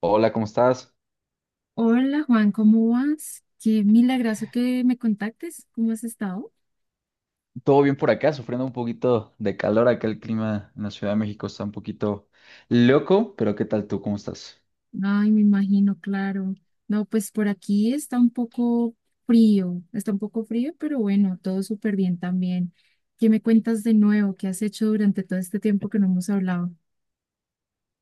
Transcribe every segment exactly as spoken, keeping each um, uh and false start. Hola, ¿cómo estás? Hola Juan, ¿cómo vas? Qué milagroso que me contactes. ¿Cómo has estado? Todo bien por acá, sufriendo un poquito de calor. Acá el clima en la Ciudad de México está un poquito loco, pero ¿qué tal tú? ¿Cómo estás? Ay, me imagino, claro. No, pues por aquí está un poco frío, está un poco frío, pero bueno, todo súper bien también. ¿Qué me cuentas de nuevo? ¿Qué has hecho durante todo este tiempo que no hemos hablado?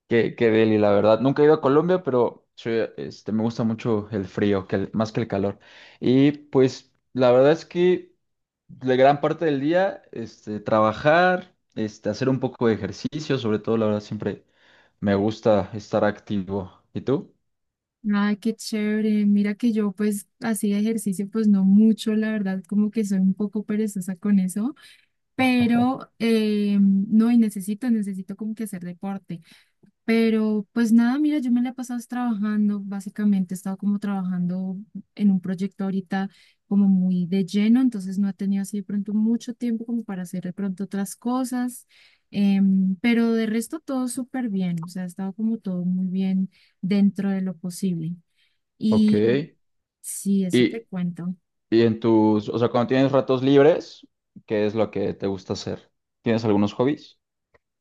Qué, qué deli, la verdad. Nunca he ido a Colombia, pero sí, este, me gusta mucho el frío, que el- más que el calor. Y pues la verdad es que la gran parte del día, este, trabajar, este, hacer un poco de ejercicio, sobre todo, la verdad, siempre me gusta estar activo. ¿Y tú? Ay, qué chévere. Mira que yo pues hacía ejercicio, pues no mucho, la verdad, como que soy un poco perezosa con eso, pero eh, no, y necesito, necesito como que hacer deporte. Pero pues nada, mira, yo me la he pasado es trabajando, básicamente he estado como trabajando en un proyecto ahorita como muy de lleno, entonces no he tenido así de pronto mucho tiempo como para hacer de pronto otras cosas, em, pero de resto todo súper bien, o sea, ha estado como todo muy bien dentro de lo posible. Ok. Y sí, eso te ¿Y, cuento. Y en tus, o sea, cuando tienes ratos libres, ¿qué es lo que te gusta hacer? ¿Tienes algunos hobbies?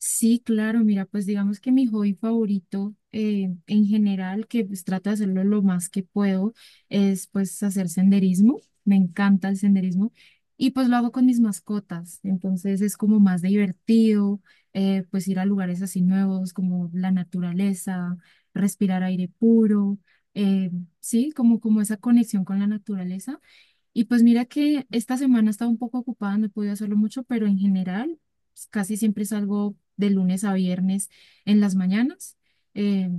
Sí, claro, mira, pues digamos que mi hobby favorito eh, en general, que pues trato de hacerlo lo más que puedo, es pues hacer senderismo. Me encanta el senderismo y pues lo hago con mis mascotas. Entonces es como más divertido, eh, pues ir a lugares así nuevos como la naturaleza, respirar aire puro, eh, sí, como, como esa conexión con la naturaleza. Y pues mira que esta semana estaba un poco ocupada, no he podido hacerlo mucho, pero en general pues, casi siempre salgo de lunes a viernes en las mañanas. Eh,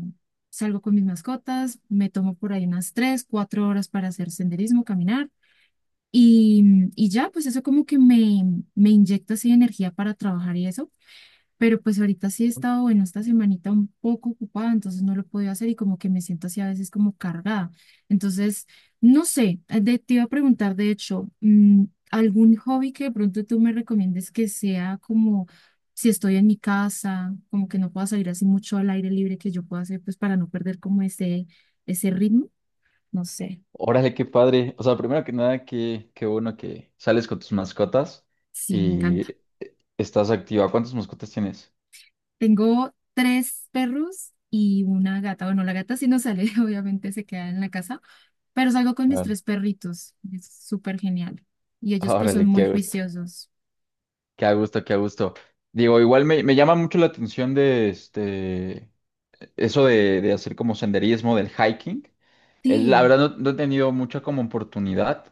Salgo con mis mascotas, me tomo por ahí unas tres, cuatro horas para hacer senderismo, caminar. Y, y ya, pues eso como que me, me inyecta así energía para trabajar y eso. Pero pues ahorita sí he estado, bueno, esta semanita un poco ocupada, entonces no lo podía hacer y como que me siento así a veces como cargada. Entonces, no sé, eh, de- te iba a preguntar, de hecho, mm, algún hobby que de pronto tú me recomiendes que sea como si estoy en mi casa, como que no pueda salir así mucho al aire libre que yo pueda hacer, pues para no perder como ese, ese ritmo. No sé, Órale, qué padre. O sea, primero que nada, qué, qué bueno que sales con tus mascotas sí, me y encanta. estás activa. ¿Cuántas mascotas tienes? Tengo tres perros y una gata. Bueno, la gata sí no sale, obviamente se queda en la casa, pero salgo con mis Claro. tres perritos. Es súper genial. Y ellos pues son Órale, muy qué gusto. juiciosos. Qué a gusto, qué a gusto. Digo, igual me, me llama mucho la atención de este. Eso de, de hacer como senderismo, del hiking, eh, la Sí, verdad no, no he tenido mucha como oportunidad,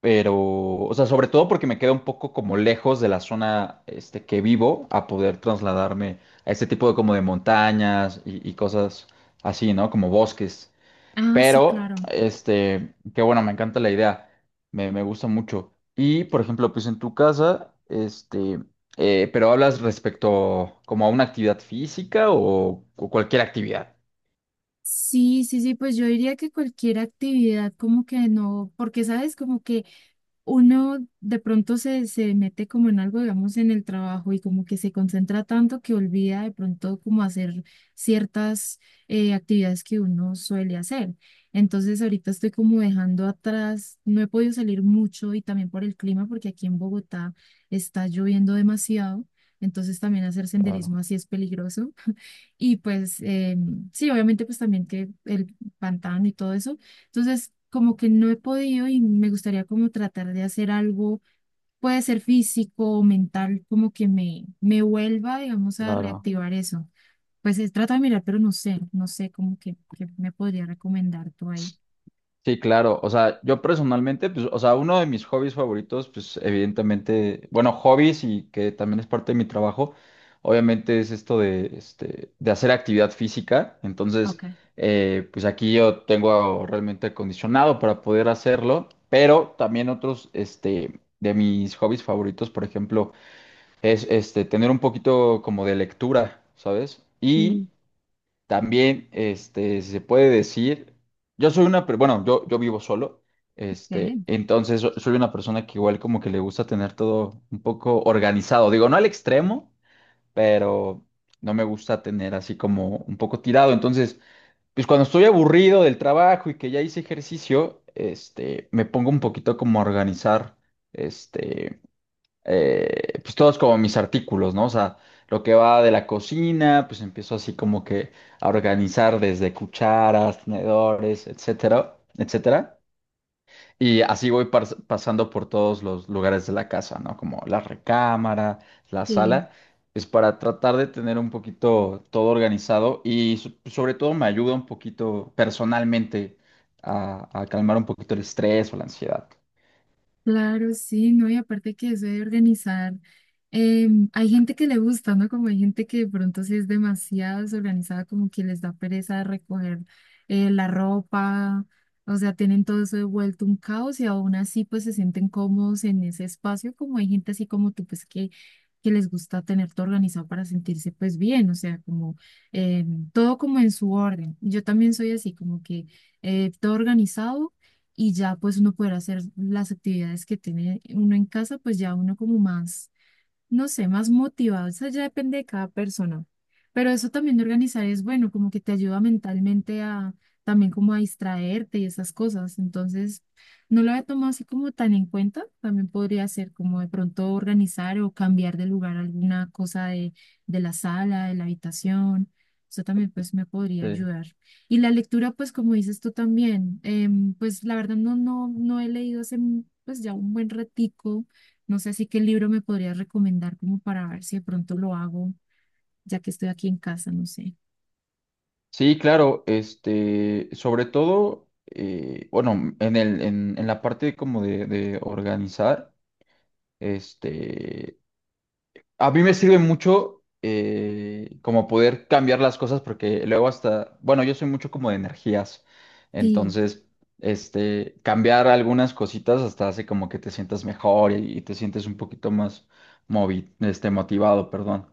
pero, o sea, sobre todo porque me queda un poco como lejos de la zona este, que vivo a poder trasladarme a este tipo de como de montañas y, y cosas así, ¿no? Como bosques. ah, sí, Pero, claro. este, qué bueno, me encanta la idea, me, me gusta mucho. Y, por ejemplo, pues en tu casa, este, eh, pero hablas respecto como a una actividad física o, o cualquier actividad. Sí, sí, sí, pues yo diría que cualquier actividad como que no, porque sabes, como que uno de pronto se, se mete como en algo, digamos, en el trabajo y como que se concentra tanto que olvida de pronto como hacer ciertas eh, actividades que uno suele hacer. Entonces ahorita estoy como dejando atrás, no he podido salir mucho y también por el clima porque aquí en Bogotá está lloviendo demasiado. Entonces también hacer senderismo Claro, así es peligroso. Y pues eh, sí, obviamente pues también que el pantano y todo eso, entonces, como que no he podido y me gustaría como tratar de hacer algo, puede ser físico o mental, como que me, me vuelva, digamos, a claro. reactivar eso. Pues eh, trato de mirar, pero no sé, no sé como que, que me podría recomendar tú ahí. Sí, claro. O sea, yo personalmente, pues, o sea, uno de mis hobbies favoritos, pues, evidentemente, bueno, hobbies y que también es parte de mi trabajo, obviamente es esto de, este, de hacer actividad física. Entonces, Ok. eh, pues aquí yo tengo realmente acondicionado para poder hacerlo, pero también otros, este, de mis hobbies favoritos, por ejemplo, es, este, tener un poquito como de lectura, ¿sabes? Mm, Y también, este, se puede decir, yo soy una, per- bueno, yo, yo vivo solo, este, entonces so- soy una persona que igual como que le gusta tener todo un poco organizado, digo, no al extremo, pero no me gusta tener así como un poco tirado, entonces, pues cuando estoy aburrido del trabajo y que ya hice ejercicio, este, me pongo un poquito como a organizar, este, eh, pues todos como mis artículos, ¿no? O sea, lo que va de la cocina, pues empiezo así como que a organizar desde cucharas, tenedores, etcétera, etcétera. Y así voy pas- pasando por todos los lugares de la casa, ¿no? Como la recámara, la ¿Qué? sala. Es para tratar de tener un poquito todo organizado y so- sobre todo me ayuda un poquito personalmente a, a calmar un poquito el estrés o la ansiedad. Claro, sí, ¿no? Y aparte que eso de organizar, em, hay gente que le gusta, ¿no? Como hay gente que de pronto sí es demasiado desorganizada, como que les da pereza recoger eh, la ropa, o sea, tienen todo eso devuelto un caos y aún así pues se sienten cómodos en ese espacio, como hay gente así como tú, pues que, que les gusta tener todo organizado para sentirse pues bien, o sea, como em, todo como en su orden. Yo también soy así, como que eh, todo organizado y ya pues uno poder hacer las actividades que tiene uno en casa, pues ya uno como más no sé, más motivado. Eso ya depende de cada persona. Pero eso también de organizar es bueno, como que te ayuda mentalmente a también como a distraerte y esas cosas. Entonces, no lo había tomado así como tan en cuenta. También podría ser como de pronto organizar o cambiar de lugar alguna cosa de, de la sala, de la habitación. Eso también pues me podría Sí. ayudar. Y la lectura, pues como dices tú también, em, pues la verdad no, no, no he leído hace pues ya un buen ratico no sé si qué libro me podrías recomendar como para ver si de pronto lo hago, ya que estoy aquí en casa, no sé. Sí, claro, este, sobre todo, eh, bueno, en el, en, en la parte como de, de organizar, este, a mí me sirve mucho eh, como poder cambiar las cosas porque luego hasta, bueno, yo soy mucho como de energías, Sí, entonces, este, cambiar algunas cositas hasta hace como que te sientas mejor y, y te sientes un poquito más movi, este, motivado, perdón.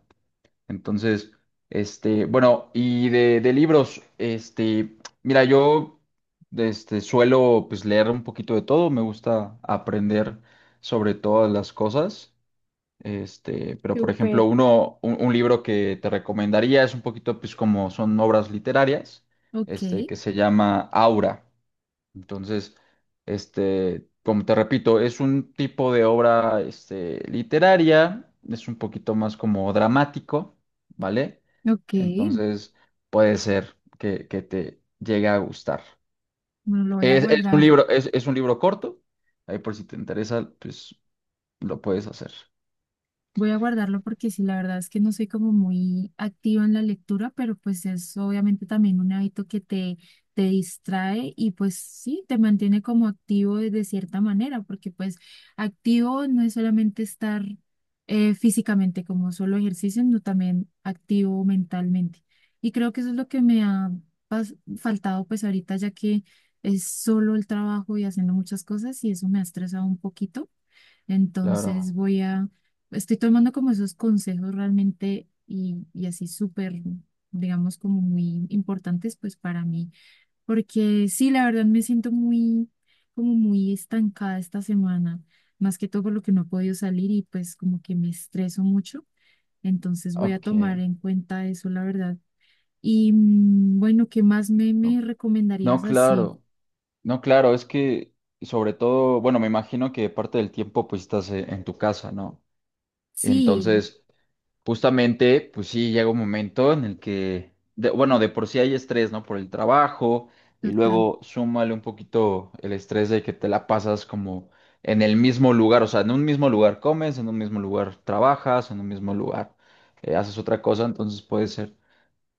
Entonces, este, bueno, y de, de libros, este, mira, yo este, suelo pues leer un poquito de todo, me gusta aprender sobre todas las cosas. Este, pero por ejemplo, súper. uno, un, un libro que te recomendaría es un poquito pues como son obras literarias, Ok, este, que se llama Aura. Entonces, este, como te repito, es un tipo de obra, este, literaria, es un poquito más como dramático, ¿vale? ok, Entonces, puede ser que, que te llegue a gustar. bueno, lo voy a Es, es un guardar. libro, es, es un libro corto, ahí por si te interesa, pues lo puedes hacer. Voy a guardarlo porque sí, la verdad es que no soy como muy activa en la lectura, pero pues es obviamente también un hábito que te, te distrae y pues sí, te mantiene como activo de, de cierta manera, porque pues activo no es solamente estar eh, físicamente como solo ejercicio, sino también activo mentalmente. Y creo que eso es lo que me ha pas- faltado pues ahorita, ya que es solo el trabajo y haciendo muchas cosas y eso me ha estresado un poquito entonces Claro. voy a, estoy tomando como esos consejos realmente y, y así súper, digamos, como muy importantes pues para mí, porque sí, la verdad me siento muy, como muy estancada esta semana, más que todo por lo que no he podido salir y pues como que me estreso mucho. Entonces voy a Ok. tomar en cuenta eso, la verdad. Y mm, bueno, ¿qué más me, me No, no, recomendarías así? claro. No, claro, es que sobre todo, bueno, me imagino que parte del tiempo pues estás eh, en tu casa, ¿no? Sí, Entonces, justamente, pues sí, llega un momento en el que, de- bueno, de por sí hay estrés, ¿no? Por el trabajo y total. luego súmale un poquito el estrés de que te la pasas como en el mismo lugar, o sea, en un mismo lugar comes, en un mismo lugar trabajas, en un mismo lugar eh, haces otra cosa, entonces puede ser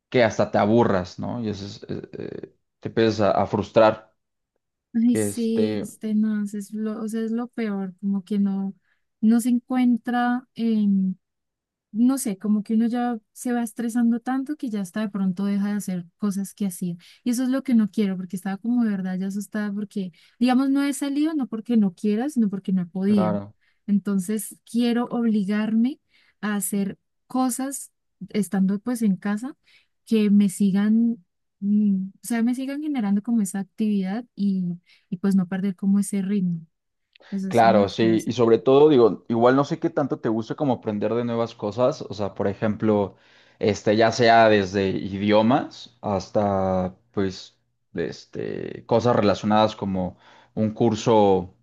que hasta te aburras, ¿no? Y eso es, eh, eh, te empiezas a, a frustrar. Ay, sí, Este, este, no, es lo, o sea, es lo peor, como que no, no se encuentra, eh, no sé, como que uno ya se va estresando tanto que ya hasta de pronto deja de hacer cosas que hacía. Y eso es lo que no quiero, porque estaba como de verdad ya asustada porque, digamos, no he salido, no porque no quiera, sino porque no he podido. claro. Entonces, quiero obligarme a hacer cosas estando pues en casa que me sigan, mm, o sea, me sigan generando como esa actividad y, y pues no perder como ese ritmo. Eso es como lo Claro, que quiero sí, y hacer. sobre todo, digo, igual no sé qué tanto te gusta como aprender de nuevas cosas, o sea, por ejemplo, este, ya sea desde idiomas hasta, pues, este, cosas relacionadas como un curso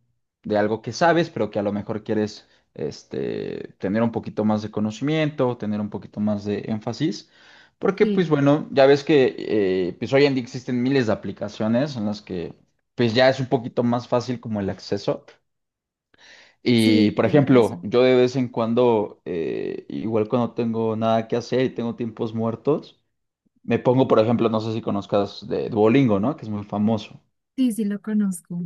de algo que sabes, pero que a lo mejor quieres, este, tener un poquito más de conocimiento, tener un poquito más de énfasis, porque, pues, Sí, bueno, ya ves que, eh, pues, hoy en día existen miles de aplicaciones en las que, pues, ya es un poquito más fácil como el acceso. sí, Y, por tienes ejemplo, razón. yo de vez en cuando, eh, igual cuando tengo nada que hacer y tengo tiempos muertos, me pongo, por ejemplo, no sé si conozcas de Duolingo, ¿no? Que es muy famoso. Sí, sí, lo conozco.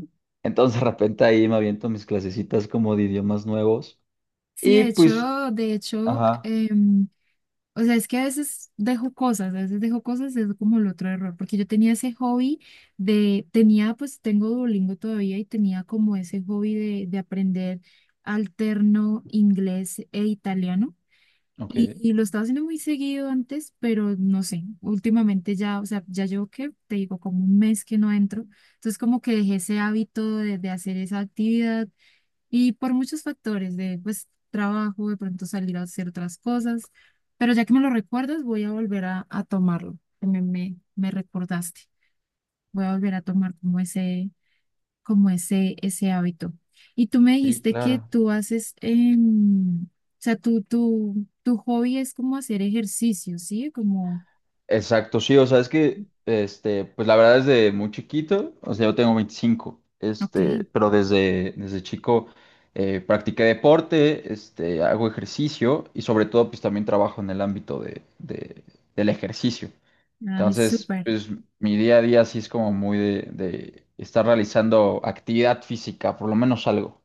Entonces, de repente ahí me aviento mis clasecitas como de idiomas nuevos. Sí, Y de pues, hecho, de hecho, ajá, em, o sea, es que a veces dejo cosas, a veces dejo cosas, es como el otro error, porque yo tenía ese hobby de, tenía, pues tengo Duolingo todavía y tenía como ese hobby de, de aprender alterno inglés e italiano. ok, Y, y lo estaba haciendo muy seguido antes, pero no sé, últimamente ya, o sea, ya llevo que, te digo, como un mes que no entro. Entonces como que dejé ese hábito de, de hacer esa actividad y por muchos factores de, pues, trabajo, de pronto salir a hacer otras cosas, pero ya que me lo recuerdas, voy a volver a, a tomarlo, que me, me, me recordaste. Voy a volver a tomar como ese, como ese, ese hábito. Y tú me sí, dijiste que claro. tú haces, em, o sea, tu, tu, tu hobby es como hacer ejercicio, ¿sí? Como, Exacto, sí, o sea, es que, este, pues la verdad desde muy chiquito, o sea, yo tengo veinticinco ok, este, pero desde, desde chico eh, practiqué deporte, este, hago ejercicio y sobre todo pues también trabajo en el ámbito de, de- del ejercicio. ay, Entonces, súper. pues mi día a día sí es como muy de, de estar realizando actividad física, por lo menos algo.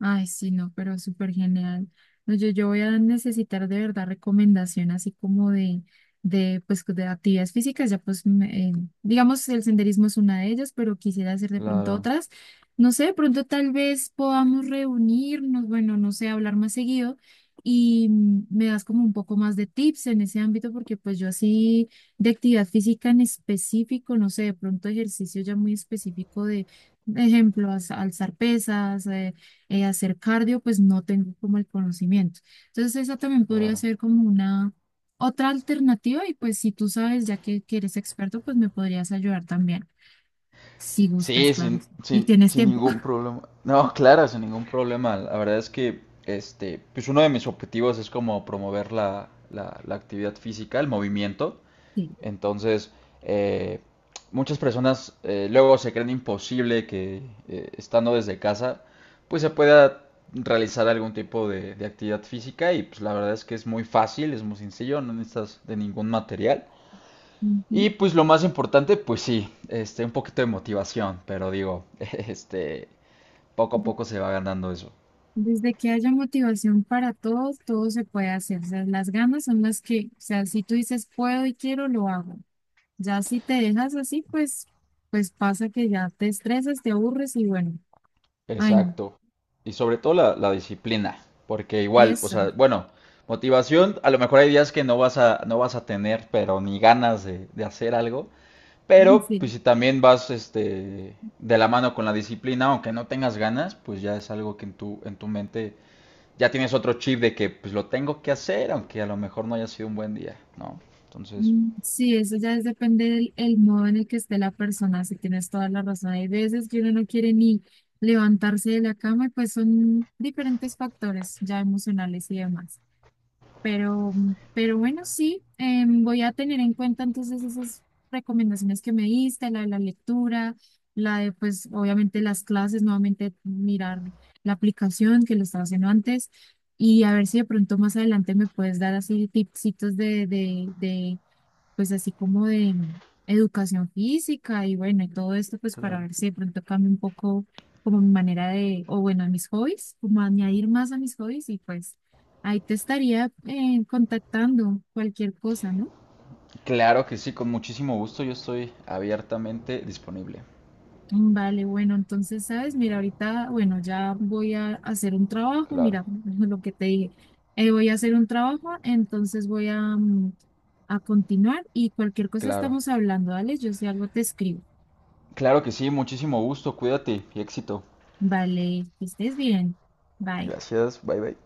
Ay, sí, no, pero súper genial. No, yo, yo voy a necesitar de verdad recomendación así como de, de, pues, de actividades físicas. Ya pues, me- eh, digamos, el senderismo es una de ellas, pero quisiera hacer de pronto Claro, otras. No sé, de pronto tal vez podamos reunirnos, bueno, no sé, hablar más seguido y mm, me das como un poco más de tips en ese ámbito porque pues yo así de actividad física en específico, no sé, de pronto ejercicio ya muy específico de... Ejemplo, alz- alzar pesas, eh, hacer cardio, pues no tengo como el conocimiento. Entonces, esa también podría claro. ser como una otra alternativa y pues si tú sabes, ya que, que eres experto, pues me podrías ayudar también, si gustas, Sí, claro. sin, Y sin, tienes sin tiempo. ningún problema. No, claro, sin ningún problema. La verdad es que este, pues uno de mis objetivos es como promover la, la, la actividad física, el movimiento. Sí. Entonces, eh, muchas personas eh, luego se creen imposible que eh, estando desde casa, pues se pueda realizar algún tipo de, de actividad física y pues la verdad es que es muy fácil, es muy sencillo, no necesitas de ningún material. Ujú. Y pues lo más importante, pues sí, este, un poquito de motivación, pero digo, este, poco a De- poco se va ganando eso. Desde que haya motivación para todo, todo se puede hacer. O sea, las ganas son las que, o sea, si tú dices puedo y quiero, lo hago. Ya si te dejas así, pues, pues pasa que ya te estresas, te aburres y bueno, ay no, Exacto. Y sobre todo la, la disciplina, porque igual, o eso, sea, bueno, motivación, a lo mejor hay días que no vas a, no vas a tener, pero ni ganas de, de hacer algo, pero pues sí. si también vas, este, de la mano con la disciplina, aunque no tengas ganas, pues ya es algo que en tu, en tu mente ya tienes otro chip de que pues lo tengo que hacer, aunque a lo mejor no haya sido un buen día, ¿no? Entonces, Mm, Sí, eso ya es- depende del el modo en el que esté la persona, si tienes toda la razón. Hay veces que uno no quiere ni levantarse de la cama y pues son diferentes factores ya emocionales y demás. Pero, mm, pero bueno, sí, em, voy a tener en cuenta entonces esas recomendaciones que me diste, la de la lectura, la de pues obviamente las clases, nuevamente mirar la aplicación que lo estaba haciendo antes y a ver si de pronto más adelante me puedes dar así tipsitos de, de, de pues así como de educación física y bueno, y todo esto, pues para claro. ver si de pronto cambia un poco como mi manera de, o bueno, mis hobbies, como añadir más a mis hobbies y pues ahí te estaría eh, contactando cualquier cosa, ¿no? Claro que sí, con muchísimo gusto, yo estoy abiertamente disponible. Mm, Vale, bueno, entonces, ¿sabes? Mira, ahorita, bueno, ya voy a hacer un trabajo, Claro, mira, lo que te dije, eh, voy a hacer un trabajo, entonces voy a, mm, a continuar y cualquier cosa claro. estamos hablando, ¿vale? Yo si algo te escribo. Claro que sí, muchísimo gusto, cuídate y éxito. Vale, que estés bien. Bye. Gracias, bye bye.